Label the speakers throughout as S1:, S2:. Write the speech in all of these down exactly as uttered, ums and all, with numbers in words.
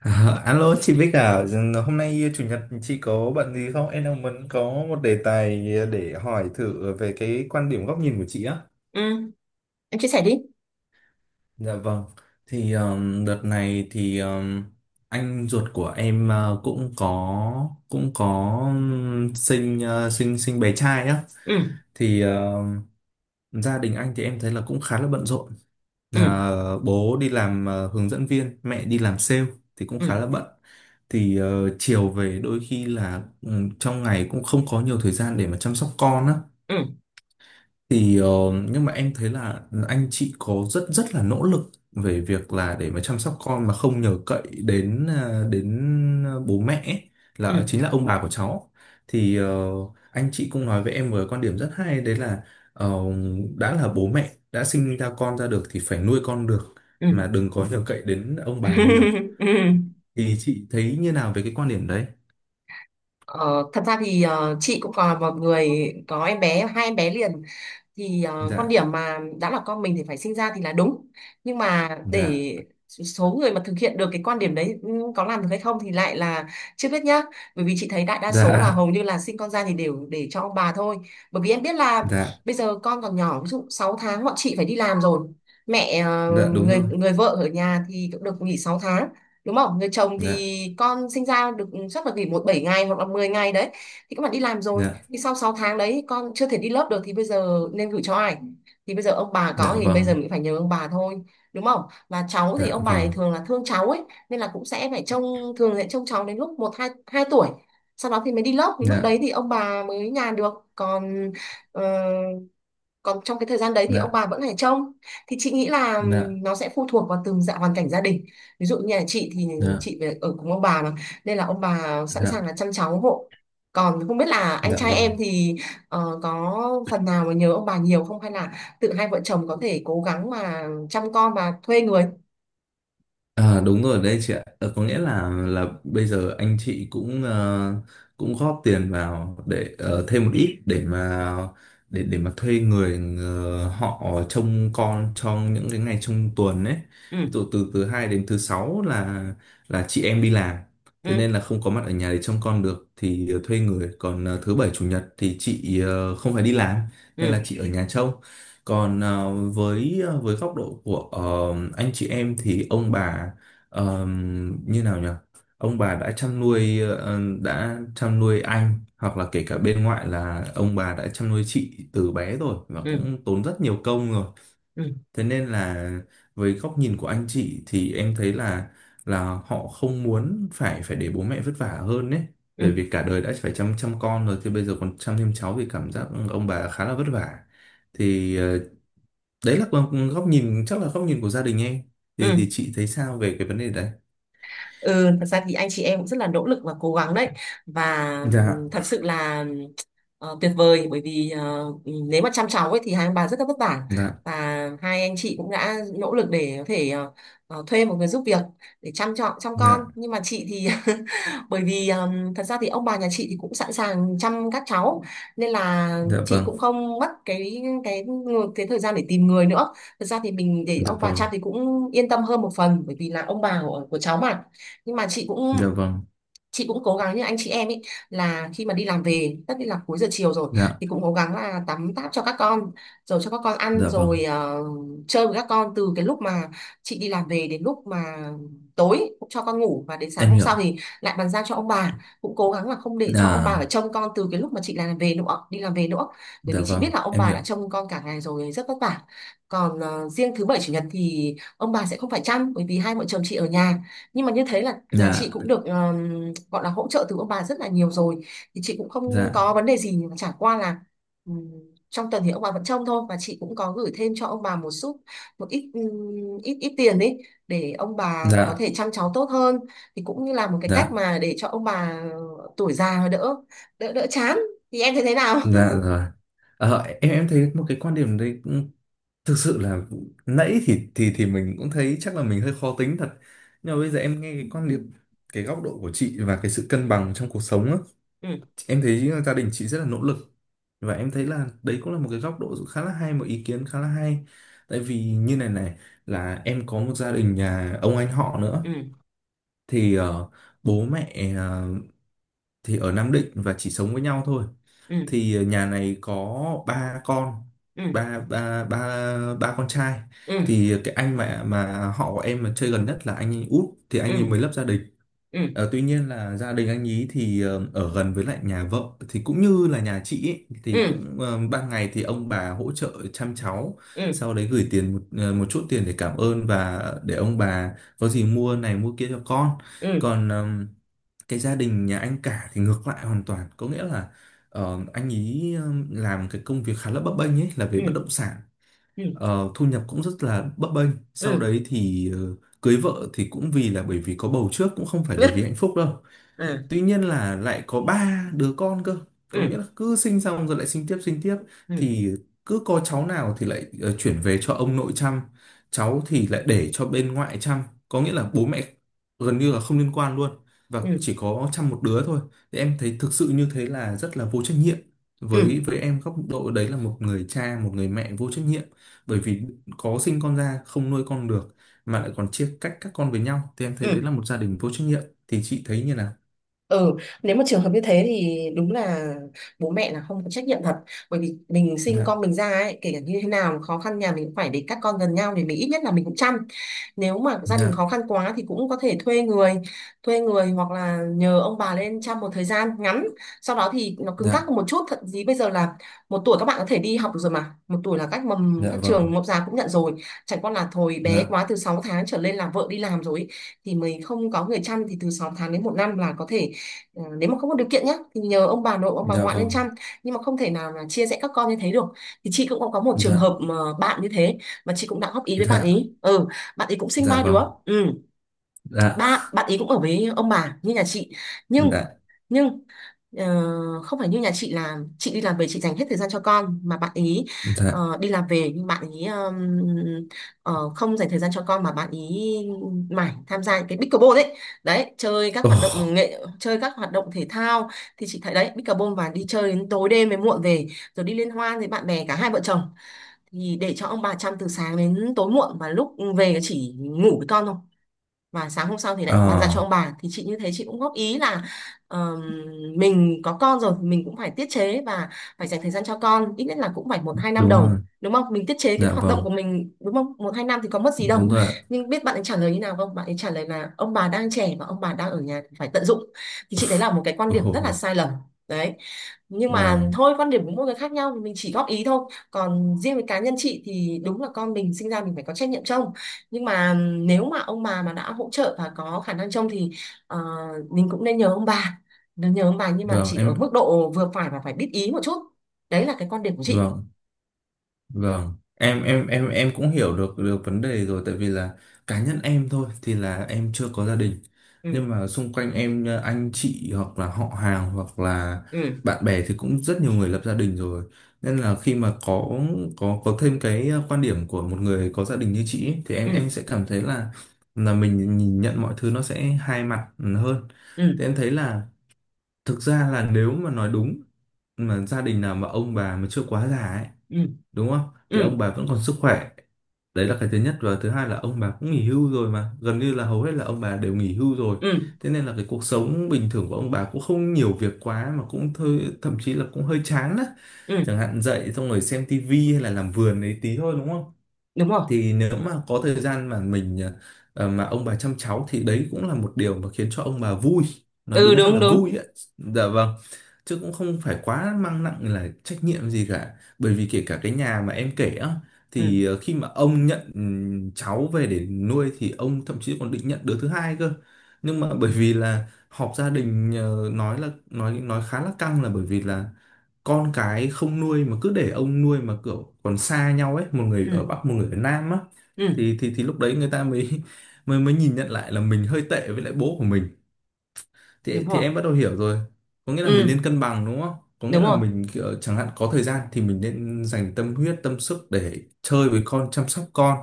S1: Alo chị Bích à, hôm nay chủ nhật chị có bận gì không? Em đang muốn có một đề tài để hỏi thử về cái quan điểm góc nhìn của chị á.
S2: Ừ, em chia sẻ đi.
S1: Dạ vâng. Thì um, đợt này thì um, anh ruột của em uh, cũng có cũng có um, sinh uh, sinh sinh bé trai á.
S2: Ừ.
S1: Thì um, gia đình anh thì em thấy là cũng khá là bận rộn.
S2: Ừ.
S1: Ờ, bố đi làm ờ, hướng dẫn viên, mẹ đi làm sale thì cũng
S2: Ừ.
S1: khá là bận. Thì ờ, chiều về đôi khi là ừ, trong ngày cũng không có nhiều thời gian để mà chăm sóc con á,
S2: Ừ.
S1: thì ờ, nhưng mà em thấy là anh chị có rất rất là nỗ lực về việc là để mà chăm sóc con mà không nhờ cậy đến à, đến ờ, bố mẹ ấy, là
S2: Ừ.
S1: ờ, chính là ông bà của cháu. Thì ờ, anh chị cũng nói với em một cái quan điểm rất hay, đấy là ờ, đã là bố mẹ đã sinh ra con ra được thì phải nuôi con được,
S2: Ừ.
S1: mà đừng có nhờ cậy đến ông bà nhiều.
S2: Ừ.
S1: Thì chị thấy như nào về cái quan điểm đấy?
S2: Ờ, Thật ra thì ờ, chị cũng còn là một người có em bé, hai em bé liền, thì ờ, quan
S1: Dạ,
S2: điểm mà đã là con mình thì phải sinh ra thì là đúng, nhưng mà
S1: dạ,
S2: để số người mà thực hiện được cái quan điểm đấy, ừ, có làm được hay không thì lại là chưa biết nhá. Bởi vì chị thấy đại đa số là
S1: dạ,
S2: hầu như là sinh con ra thì đều để cho ông bà thôi. Bởi vì em biết là
S1: dạ,
S2: bây giờ con còn nhỏ, ví dụ sáu tháng bọn chị phải đi làm rồi, mẹ ờ,
S1: dạ, đúng
S2: người
S1: rồi.
S2: người vợ ở nhà thì cũng được nghỉ sáu tháng, đúng không? Người chồng
S1: Dạ,
S2: thì con sinh ra được chắc là nghỉ một bảy ngày hoặc là mười ngày đấy. Thì các bạn đi làm rồi
S1: dạ,
S2: thì sau sáu tháng đấy con chưa thể đi lớp được thì bây giờ nên gửi cho ai? Thì bây giờ ông bà có
S1: dạ
S2: thì bây giờ
S1: vâng.
S2: mình phải nhờ ông bà thôi, đúng không? Và cháu thì
S1: Dạ
S2: ông bà ấy
S1: vâng,
S2: thường là thương cháu ấy nên là cũng sẽ phải trông, thường sẽ trông cháu đến lúc một hai, hai tuổi. Sau đó thì mới đi lớp thì lúc
S1: dạ,
S2: đấy thì ông bà mới nhàn được. Còn ờ, còn trong cái thời gian đấy thì ông
S1: dạ,
S2: bà vẫn phải trông. Thì chị nghĩ là
S1: dạ,
S2: nó sẽ phụ thuộc vào từng dạng hoàn cảnh gia đình. Ví dụ như là chị thì
S1: dạ,
S2: chị về ở cùng ông bà mà, nên là ông bà sẵn
S1: dạ,
S2: sàng là chăm cháu hộ. Còn không biết là anh
S1: dạ
S2: trai em
S1: vâng.
S2: thì ờ, có phần nào mà nhớ ông bà nhiều không, hay là tự hai vợ chồng có thể cố gắng mà chăm con và thuê người.
S1: À, đúng rồi đấy chị ạ. Ờ, có nghĩa là là bây giờ anh chị cũng ờ, cũng góp tiền vào để ờ, thêm một ít để mà để để mà thuê người ờ, họ trông con trong những cái ngày trong tuần ấy.
S2: Ừ.
S1: Ví dụ từ thứ hai đến thứ sáu là là chị em đi làm. Thế
S2: Ừ.
S1: nên là không có mặt ở nhà để trông con được thì ờ, thuê người. Còn ờ, thứ bảy chủ nhật thì chị ờ, không phải đi làm nên là
S2: Ừ.
S1: chị ở nhà trông. Còn ờ, với ờ, với góc độ của ờ, anh chị em thì ông bà ờ, như nào nhỉ? Ông bà đã chăm nuôi ờ, đã chăm nuôi anh, hoặc là kể cả bên ngoại là ông bà đã chăm nuôi chị từ bé rồi, và
S2: Ừ.
S1: cũng tốn rất nhiều công rồi.
S2: Ừ.
S1: Thế nên là với góc nhìn của anh chị thì em thấy là là họ không muốn phải phải để bố mẹ vất vả hơn đấy. Bởi
S2: Ừ.
S1: vì cả đời đã phải chăm chăm con rồi thì bây giờ còn chăm thêm cháu thì cảm giác ông bà khá là vất vả, thì ờ, đấy là còn góc nhìn, chắc là góc nhìn của gia đình em. thì
S2: Ừ.
S1: thì chị thấy sao về cái vấn đề đấy?
S2: Ừ, thật ra thì anh chị em cũng rất là nỗ lực và cố gắng đấy. Và ừ,
S1: Dạ,
S2: thật sự là Ờ, tuyệt vời, bởi vì ờ, nếu mà chăm cháu ấy thì hai ông bà rất là vất vả.
S1: dạ,
S2: Và hai anh chị cũng đã nỗ lực để có thể ờ, ờ, thuê một người giúp việc để chăm chọn chăm con.
S1: dạ,
S2: Nhưng mà chị thì bởi vì ừm, thật ra thì ông bà nhà chị thì cũng sẵn sàng chăm các cháu, nên là
S1: dạ
S2: chị
S1: vâng.
S2: cũng không mất cái cái cái thời gian để tìm người nữa. Thật ra thì mình để
S1: Dạ
S2: ông bà chăm
S1: vâng.
S2: thì cũng yên tâm hơn một phần, bởi vì là ông bà của, của cháu mà. Nhưng mà chị cũng
S1: Dạ vâng.
S2: chị cũng cố gắng như anh chị em ấy, là khi mà đi làm về tất nhiên là cuối giờ chiều rồi,
S1: Dạ,
S2: thì cũng cố gắng là tắm táp cho các con rồi cho các con ăn,
S1: dạ vâng,
S2: rồi ờ, chơi với các con từ cái lúc mà chị đi làm về đến lúc mà tối, cũng cho con ngủ, và đến sáng
S1: em
S2: hôm sau
S1: hiểu.
S2: thì lại bàn giao cho ông bà. Cũng cố gắng là không để cho ông bà
S1: Dạ,
S2: phải trông con từ cái lúc mà chị làm về nữa đi làm về nữa. Bởi
S1: dạ
S2: vì chị
S1: vâng,
S2: biết là ông
S1: em
S2: bà
S1: hiểu.
S2: đã trông con cả ngày rồi, rất vất vả. Còn ờ, riêng thứ bảy chủ nhật thì ông bà sẽ không phải chăm bởi vì hai vợ chồng chị ở nhà. Nhưng mà như thế là nhà chị
S1: Dạ,
S2: cũng được ờm, gọi là hỗ trợ từ ông bà rất là nhiều rồi, thì chị cũng không
S1: dạ,
S2: có vấn đề gì. Nhưng mà chả qua là ừm, trong tuần thì ông bà vẫn trông thôi, và chị cũng có gửi thêm cho ông bà một chút, một ít ừm, ít ít tiền ấy, để ông bà có
S1: dạ,
S2: thể chăm cháu tốt hơn. Thì cũng như là một cái cách
S1: dạ,
S2: mà để cho ông bà tuổi già đỡ đỡ đỡ chán. Thì em thấy thế nào?
S1: dạ rồi. ờ, em em thấy một cái quan điểm đấy cũng thực sự là, nãy thì thì thì mình cũng thấy chắc là mình hơi khó tính thật, nhưng mà bây giờ em nghe cái quan điểm, cái góc độ của chị và cái sự cân bằng trong cuộc sống á.
S2: Ừ.
S1: Em thấy gia đình chị rất là nỗ lực, và em thấy là đấy cũng là một cái góc độ khá là hay, một ý kiến khá là hay, tại vì như này này, là em có một gia đình nhà ông anh họ nữa.
S2: Ừ.
S1: Thì ờ, bố mẹ ờ, thì ở Nam Định và chỉ sống với nhau thôi.
S2: Ừ.
S1: Thì nhà này có ba con
S2: Ừ.
S1: ba ba ba ba con trai
S2: Ừ.
S1: Thì cái anh mà mà họ của em mà chơi gần nhất là anh ấy út, thì
S2: Ừ.
S1: anh ấy mới lập gia đình.
S2: Ừ.
S1: Ờ, tuy nhiên là gia đình anh ấy thì ờ, ở gần với lại nhà vợ, thì cũng như là nhà chị ấy, thì
S2: Ừ.
S1: cũng ờ, ban ngày thì ông bà hỗ trợ chăm cháu,
S2: Ừ.
S1: sau đấy gửi tiền một ờ, một chút tiền để cảm ơn và để ông bà có gì mua này mua kia cho con.
S2: Ừ.
S1: Còn ờm, cái gia đình nhà anh cả thì ngược lại hoàn toàn, có nghĩa là ờ, anh ý ừm, làm cái công việc khá là bấp bênh ấy, là về
S2: Ừ.
S1: bất động sản.
S2: Ừ.
S1: Ờ, thu nhập cũng rất là bấp bênh,
S2: Ừ.
S1: sau
S2: Ừ.
S1: đấy thì ờ, cưới vợ thì cũng vì là bởi vì có bầu trước, cũng không phải là vì
S2: Ừ.
S1: hạnh phúc đâu.
S2: Ừ.
S1: Tuy nhiên là lại có ba đứa con cơ, có nghĩa là
S2: Ừ.
S1: cứ sinh xong rồi lại sinh tiếp sinh tiếp.
S2: Ừ.
S1: Thì cứ có cháu nào thì lại ờ, chuyển về cho ông nội chăm, cháu thì lại để cho bên ngoại chăm. Có nghĩa là bố mẹ gần như là không liên quan luôn, và
S2: Ừ.
S1: chỉ có chăm một đứa thôi. Thì em thấy thực sự như thế là rất là vô trách nhiệm,
S2: Ừ.
S1: với với em góc độ đấy là một người cha, một người mẹ vô trách nhiệm. Bởi vì có sinh con ra không nuôi con được mà lại còn chia cách các con với nhau, thì em thấy đấy
S2: Ừ.
S1: là một gia đình vô trách nhiệm. Thì chị thấy như nào?
S2: Ừ. Nếu mà trường hợp như thế thì đúng là bố mẹ là không có trách nhiệm thật. Bởi vì mình sinh
S1: Dạ,
S2: con mình ra ấy, kể cả như thế nào khó khăn nhà mình cũng phải để các con gần nhau, thì mình ít nhất là mình cũng chăm. Nếu mà gia đình
S1: dạ,
S2: khó khăn quá thì cũng có thể thuê người, thuê người hoặc là nhờ ông bà lên chăm một thời gian ngắn. Sau đó thì nó cứng cáp
S1: dạ,
S2: hơn một chút, thậm chí bây giờ là một tuổi các bạn có thể đi học được rồi, mà một tuổi là các mầm
S1: dạ
S2: các trường
S1: vâng.
S2: mẫu giáo cũng nhận rồi. Chẳng qua là thôi, bé
S1: Dạ,
S2: quá, từ sáu tháng trở lên là vợ đi làm rồi ấy, thì mình không có người chăm thì từ sáu tháng đến một năm là có thể ờ, nếu mà không có điều kiện nhé thì nhờ ông bà nội ông bà
S1: dạ
S2: ngoại lên
S1: vâng.
S2: chăm. Nhưng mà không thể nào là chia rẽ các con như thế được. Thì chị cũng có có một trường
S1: Dạ,
S2: hợp mà bạn như thế, mà chị cũng đã góp ý với bạn
S1: dạ,
S2: ý. Ừ. Bạn ấy cũng sinh
S1: dạ
S2: ba đứa.
S1: vâng.
S2: Ừ.
S1: Dạ,
S2: Ba bạn ấy cũng ở với ông bà như nhà chị.
S1: dạ,
S2: Nhưng nhưng ờ, không phải như nhà chị là chị đi làm về chị dành hết thời gian cho con, mà bạn ý
S1: dạ.
S2: ờ, đi làm về nhưng bạn ý ờm, ờ, không dành thời gian cho con, mà bạn ý mải tham gia những cái pickleball đấy, đấy chơi các
S1: Ồ.
S2: hoạt động nghệ chơi các hoạt động thể thao. Thì chị thấy đấy, pickleball và đi chơi đến tối đêm mới muộn về, rồi đi liên hoan với bạn bè, cả hai vợ chồng, thì để cho ông bà chăm từ sáng đến tối muộn. Và lúc về chỉ ngủ với con thôi, và sáng hôm sau thì
S1: ờ
S2: lại bàn giao cho ông bà. Thì chị như thế, chị cũng góp ý là ờm, mình có con rồi thì mình cũng phải tiết chế và phải dành thời gian cho con, ít nhất là cũng phải một hai năm
S1: Đúng rồi.
S2: đầu, đúng không? Mình tiết chế cái
S1: Dạ
S2: hoạt động
S1: vâng.
S2: của mình, đúng không? Một hai năm thì có mất gì đâu.
S1: Đúng rồi.
S2: Nhưng biết bạn ấy trả lời như nào không? Bạn ấy trả lời là ông bà đang trẻ và ông bà đang ở nhà thì phải tận dụng. Thì chị, đấy là một cái quan điểm rất là
S1: Ồ.
S2: sai lầm đấy. Nhưng mà
S1: Vâng,
S2: thôi, quan điểm của mỗi người khác nhau thì mình chỉ góp ý thôi. Còn riêng với cá nhân chị thì đúng là con mình sinh ra mình phải có trách nhiệm trông. Nhưng mà nếu mà ông bà mà đã hỗ trợ và có khả năng trông thì ờ, mình cũng nên nhờ ông bà, nên nhờ ông bà nhưng mà
S1: vâng,
S2: chỉ ở
S1: em.
S2: mức độ vừa phải và phải biết ý một chút. Đấy là cái quan điểm của chị.
S1: Vâng. Vâng, em em em em cũng hiểu được được vấn đề rồi, tại vì là cá nhân em thôi thì là em chưa có gia đình.
S2: Ừ.
S1: Nhưng mà xung quanh em ờ, anh chị hoặc là họ hàng hoặc là
S2: Ừ.
S1: bạn bè thì cũng rất nhiều người lập gia đình rồi. Nên là khi mà có có có thêm cái ờ, quan điểm của một người có gia đình như chị ấy, thì em
S2: Ừ.
S1: em sẽ cảm thấy là là mình nhìn nhận mọi thứ nó sẽ hai mặt hơn.
S2: Ừ.
S1: Thì em thấy là thực ra là nếu mà nói đúng, mà gia đình nào mà ông bà mà chưa quá già ấy,
S2: Ừ.
S1: đúng không, thì
S2: Ừ.
S1: ông bà vẫn còn sức khỏe, đấy là cái thứ nhất. Và thứ hai là ông bà cũng nghỉ hưu rồi, mà gần như là hầu hết là ông bà đều nghỉ hưu rồi,
S2: Ừ.
S1: thế nên là cái cuộc sống bình thường của ông bà cũng không nhiều việc quá, mà cũng thôi, thậm chí là cũng hơi chán á.
S2: Ừ.
S1: Chẳng hạn dậy xong rồi xem tivi hay là làm vườn ấy tí thôi, đúng không?
S2: Đúng rồi.
S1: Thì nếu mà có thời gian mà mình ờ, mà ông bà chăm cháu thì đấy cũng là một điều mà khiến cho ông bà vui, nó
S2: Ừ.
S1: đúng ra
S2: Đúng,
S1: là
S2: đúng.
S1: vui ấy. Dạ vâng. Chứ cũng không phải quá mang nặng là trách nhiệm gì cả, bởi vì kể cả cái nhà mà em kể á,
S2: Ừ.
S1: thì ờ, khi mà ông nhận ừm, cháu về để nuôi thì ông thậm chí còn định nhận đứa thứ hai cơ. Nhưng mà bởi vì là họp gia đình, ờ, nói là nói nói khá là căng, là bởi vì là con cái không nuôi mà cứ để ông nuôi mà kiểu còn xa nhau ấy, một người
S2: Ừ.
S1: ở Bắc một người ở Nam á.
S2: Ừ.
S1: Thì thì thì lúc đấy người ta mới mới mới nhìn nhận lại là mình hơi tệ với lại bố của mình.
S2: Đúng
S1: Thì thì
S2: rồi.
S1: em bắt đầu hiểu rồi, có nghĩa là mình
S2: Ừ.
S1: nên cân bằng, đúng không. Có nghĩa
S2: Đúng
S1: là
S2: rồi.
S1: mình kiểu, chẳng hạn có thời gian thì mình nên dành tâm huyết, tâm sức để chơi với con, chăm sóc con.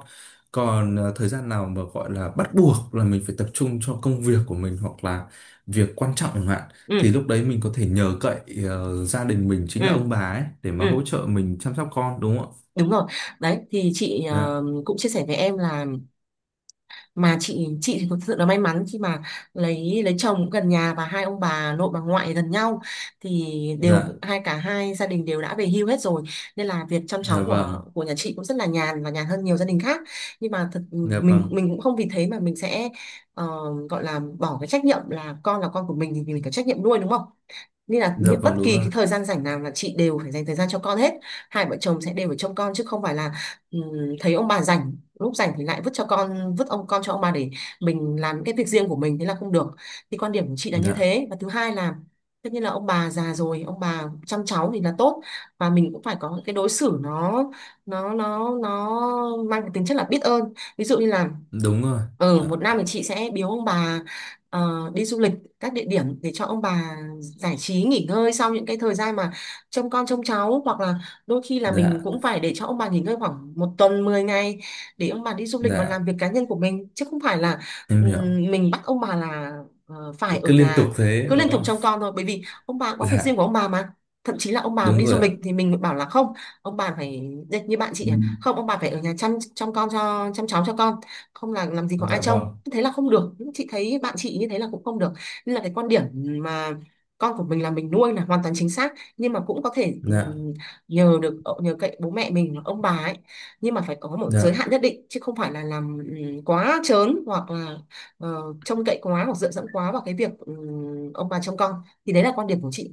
S1: Còn ờ, thời gian nào mà gọi là bắt buộc là mình phải tập trung cho công việc của mình, hoặc là việc quan trọng chẳng hạn, thì
S2: Ừ.
S1: lúc đấy mình có thể nhờ cậy ờ, gia đình mình, chính là ông
S2: Ừ.
S1: bà ấy, để mà
S2: Ừ.
S1: hỗ trợ mình chăm sóc con, đúng không ạ?
S2: Đúng rồi. Đấy thì chị ờ,
S1: Dạ,
S2: cũng chia sẻ với em là mà chị chị thì thực sự là may mắn khi mà lấy lấy chồng cũng gần nhà và hai ông bà nội bà ngoại gần nhau, thì đều
S1: dạ,
S2: hai cả hai gia đình đều đã về hưu hết rồi, nên là việc chăm
S1: dạ
S2: cháu của
S1: vâng.
S2: của nhà chị cũng rất là nhàn và nhàn hơn nhiều gia đình khác. Nhưng mà thật
S1: Dạ
S2: mình
S1: vâng.
S2: mình cũng không vì thế mà mình sẽ ờ, gọi là bỏ cái trách nhiệm, là con là con của mình thì mình có trách nhiệm nuôi, đúng không? Nên là
S1: Dạ
S2: những bất
S1: vâng. Đúng
S2: kỳ
S1: rồi.
S2: cái thời gian rảnh nào là chị đều phải dành thời gian cho con hết. Hai vợ chồng sẽ đều phải trông con, chứ không phải là ừm, thấy ông bà rảnh, lúc rảnh thì lại vứt cho con vứt ông con cho ông bà để mình làm những cái việc riêng của mình, thế là không được. Thì quan điểm của chị là như
S1: Dạ,
S2: thế. Và thứ hai là, tất nhiên là ông bà già rồi, ông bà chăm cháu thì là tốt, và mình cũng phải có những cái đối xử nó nó nó nó mang cái tính chất là biết ơn. Ví dụ như là
S1: đúng rồi.
S2: ừ,
S1: Dạ,
S2: một năm thì chị sẽ biếu ông bà ờ, đi du lịch các địa điểm để cho ông bà giải trí nghỉ ngơi sau những cái thời gian mà trông con trông cháu. Hoặc là đôi khi là mình
S1: dạ,
S2: cũng phải để cho ông bà nghỉ ngơi khoảng một tuần mười ngày, để ông bà đi du lịch và
S1: dạ,
S2: làm việc cá nhân của mình, chứ không phải là
S1: em
S2: ừm,
S1: hiểu.
S2: mình bắt ông bà là ờ, phải ở
S1: Cứ liên tục
S2: nhà
S1: thế
S2: cứ
S1: đúng
S2: liên tục
S1: không?
S2: trông con thôi. Bởi vì ông bà có việc riêng
S1: Dạ,
S2: của ông bà mà, thậm chí là ông bà
S1: đúng
S2: đi
S1: rồi
S2: du
S1: ạ.
S2: lịch thì mình bảo là không, ông bà phải như như bạn chị
S1: Ừ.
S2: à, không, ông bà phải ở nhà chăm chăm con cho, chăm cháu cho con, không là làm gì có ai
S1: Dạ
S2: trông,
S1: vâng.
S2: thế là không được. Chị thấy bạn chị như thế là cũng không được. Nên là cái quan điểm mà con của mình là mình nuôi là hoàn toàn chính xác, nhưng mà cũng có thể
S1: Dạ,
S2: ừm, nhờ được ờ, nhờ cậy bố mẹ mình và ông bà ấy, nhưng mà phải có một giới
S1: dạ.
S2: hạn nhất định, chứ không phải là làm ừm, quá trớn hoặc là ờ, trông cậy quá hoặc dựa dẫm quá vào cái việc ừm, ông bà trông con. Thì đấy là quan điểm của chị.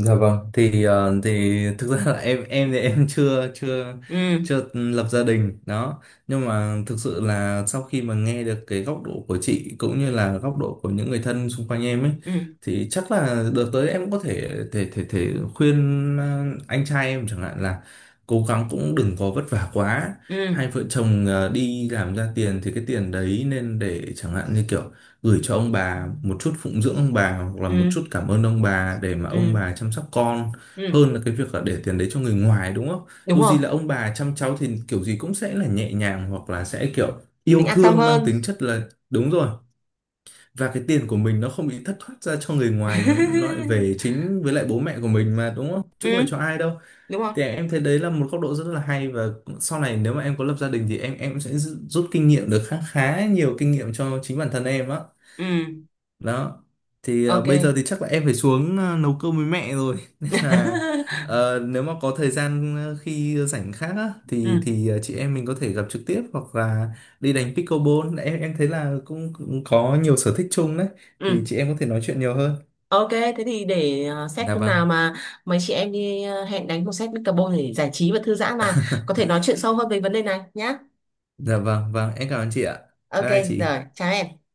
S1: Dạ vâng, thì ờ, thì thực ra là em em thì em chưa chưa
S2: Ừ.
S1: chưa lập gia đình đó, nhưng mà thực sự là sau khi mà nghe được cái góc độ của chị cũng như là góc độ của những người thân xung quanh em ấy,
S2: Ừ.
S1: thì chắc là đợt tới em có thể thể thể thể khuyên ờ, anh trai em chẳng hạn là cố gắng cũng đừng có vất vả quá.
S2: Ừ.
S1: Hai vợ chồng ờ, đi làm ra tiền thì cái tiền đấy nên để chẳng hạn như kiểu gửi cho ông bà một chút phụng dưỡng ông bà, hoặc là một
S2: Ừ.
S1: chút cảm ơn ông bà để mà ông
S2: Ừ.
S1: bà chăm sóc con,
S2: Ừ.
S1: hơn là cái việc là để tiền đấy cho người ngoài, đúng không?
S2: Đúng
S1: Dù
S2: rồi.
S1: gì là ông bà chăm cháu thì kiểu gì cũng sẽ là nhẹ nhàng, hoặc là sẽ kiểu
S2: Mình
S1: yêu
S2: an tâm
S1: thương, mang
S2: hơn.
S1: tính chất là, đúng rồi, và cái tiền của mình nó không bị thất thoát ra cho người ngoài mà nó lại về chính với lại bố mẹ của mình mà, đúng không?
S2: Ừ.
S1: Chứ không phải cho ai đâu.
S2: Đúng không?
S1: Thì em thấy đấy là một góc độ rất là hay, và sau này nếu mà em có lập gia đình thì em em sẽ rút kinh nghiệm được khá khá nhiều kinh nghiệm cho chính bản thân em á,
S2: Ừ.
S1: đó. Thì ờ,
S2: OK.
S1: bây giờ thì chắc là em phải xuống ờ, nấu cơm với mẹ rồi nên là ờ, nếu mà có thời gian ờ, khi rảnh khác á, thì
S2: Ừ.
S1: thì ờ, chị em mình có thể gặp trực tiếp hoặc là đi đánh pickleball, em em thấy là cũng, cũng có nhiều sở thích chung đấy, thì
S2: Ừ.
S1: chị em có thể nói chuyện nhiều hơn.
S2: OK, thế thì để ờ, xét
S1: Dạ
S2: hôm nào
S1: vâng.
S2: mà mấy chị em đi ờ, hẹn đánh một set mít tơ Bone để giải trí và thư giãn, mà có thể nói chuyện sâu hơn về vấn đề này nhá.
S1: Dạ vâng, vâng, em cảm ơn chị ạ.
S2: OK.
S1: Bye bye chị.
S2: Rồi, chào em.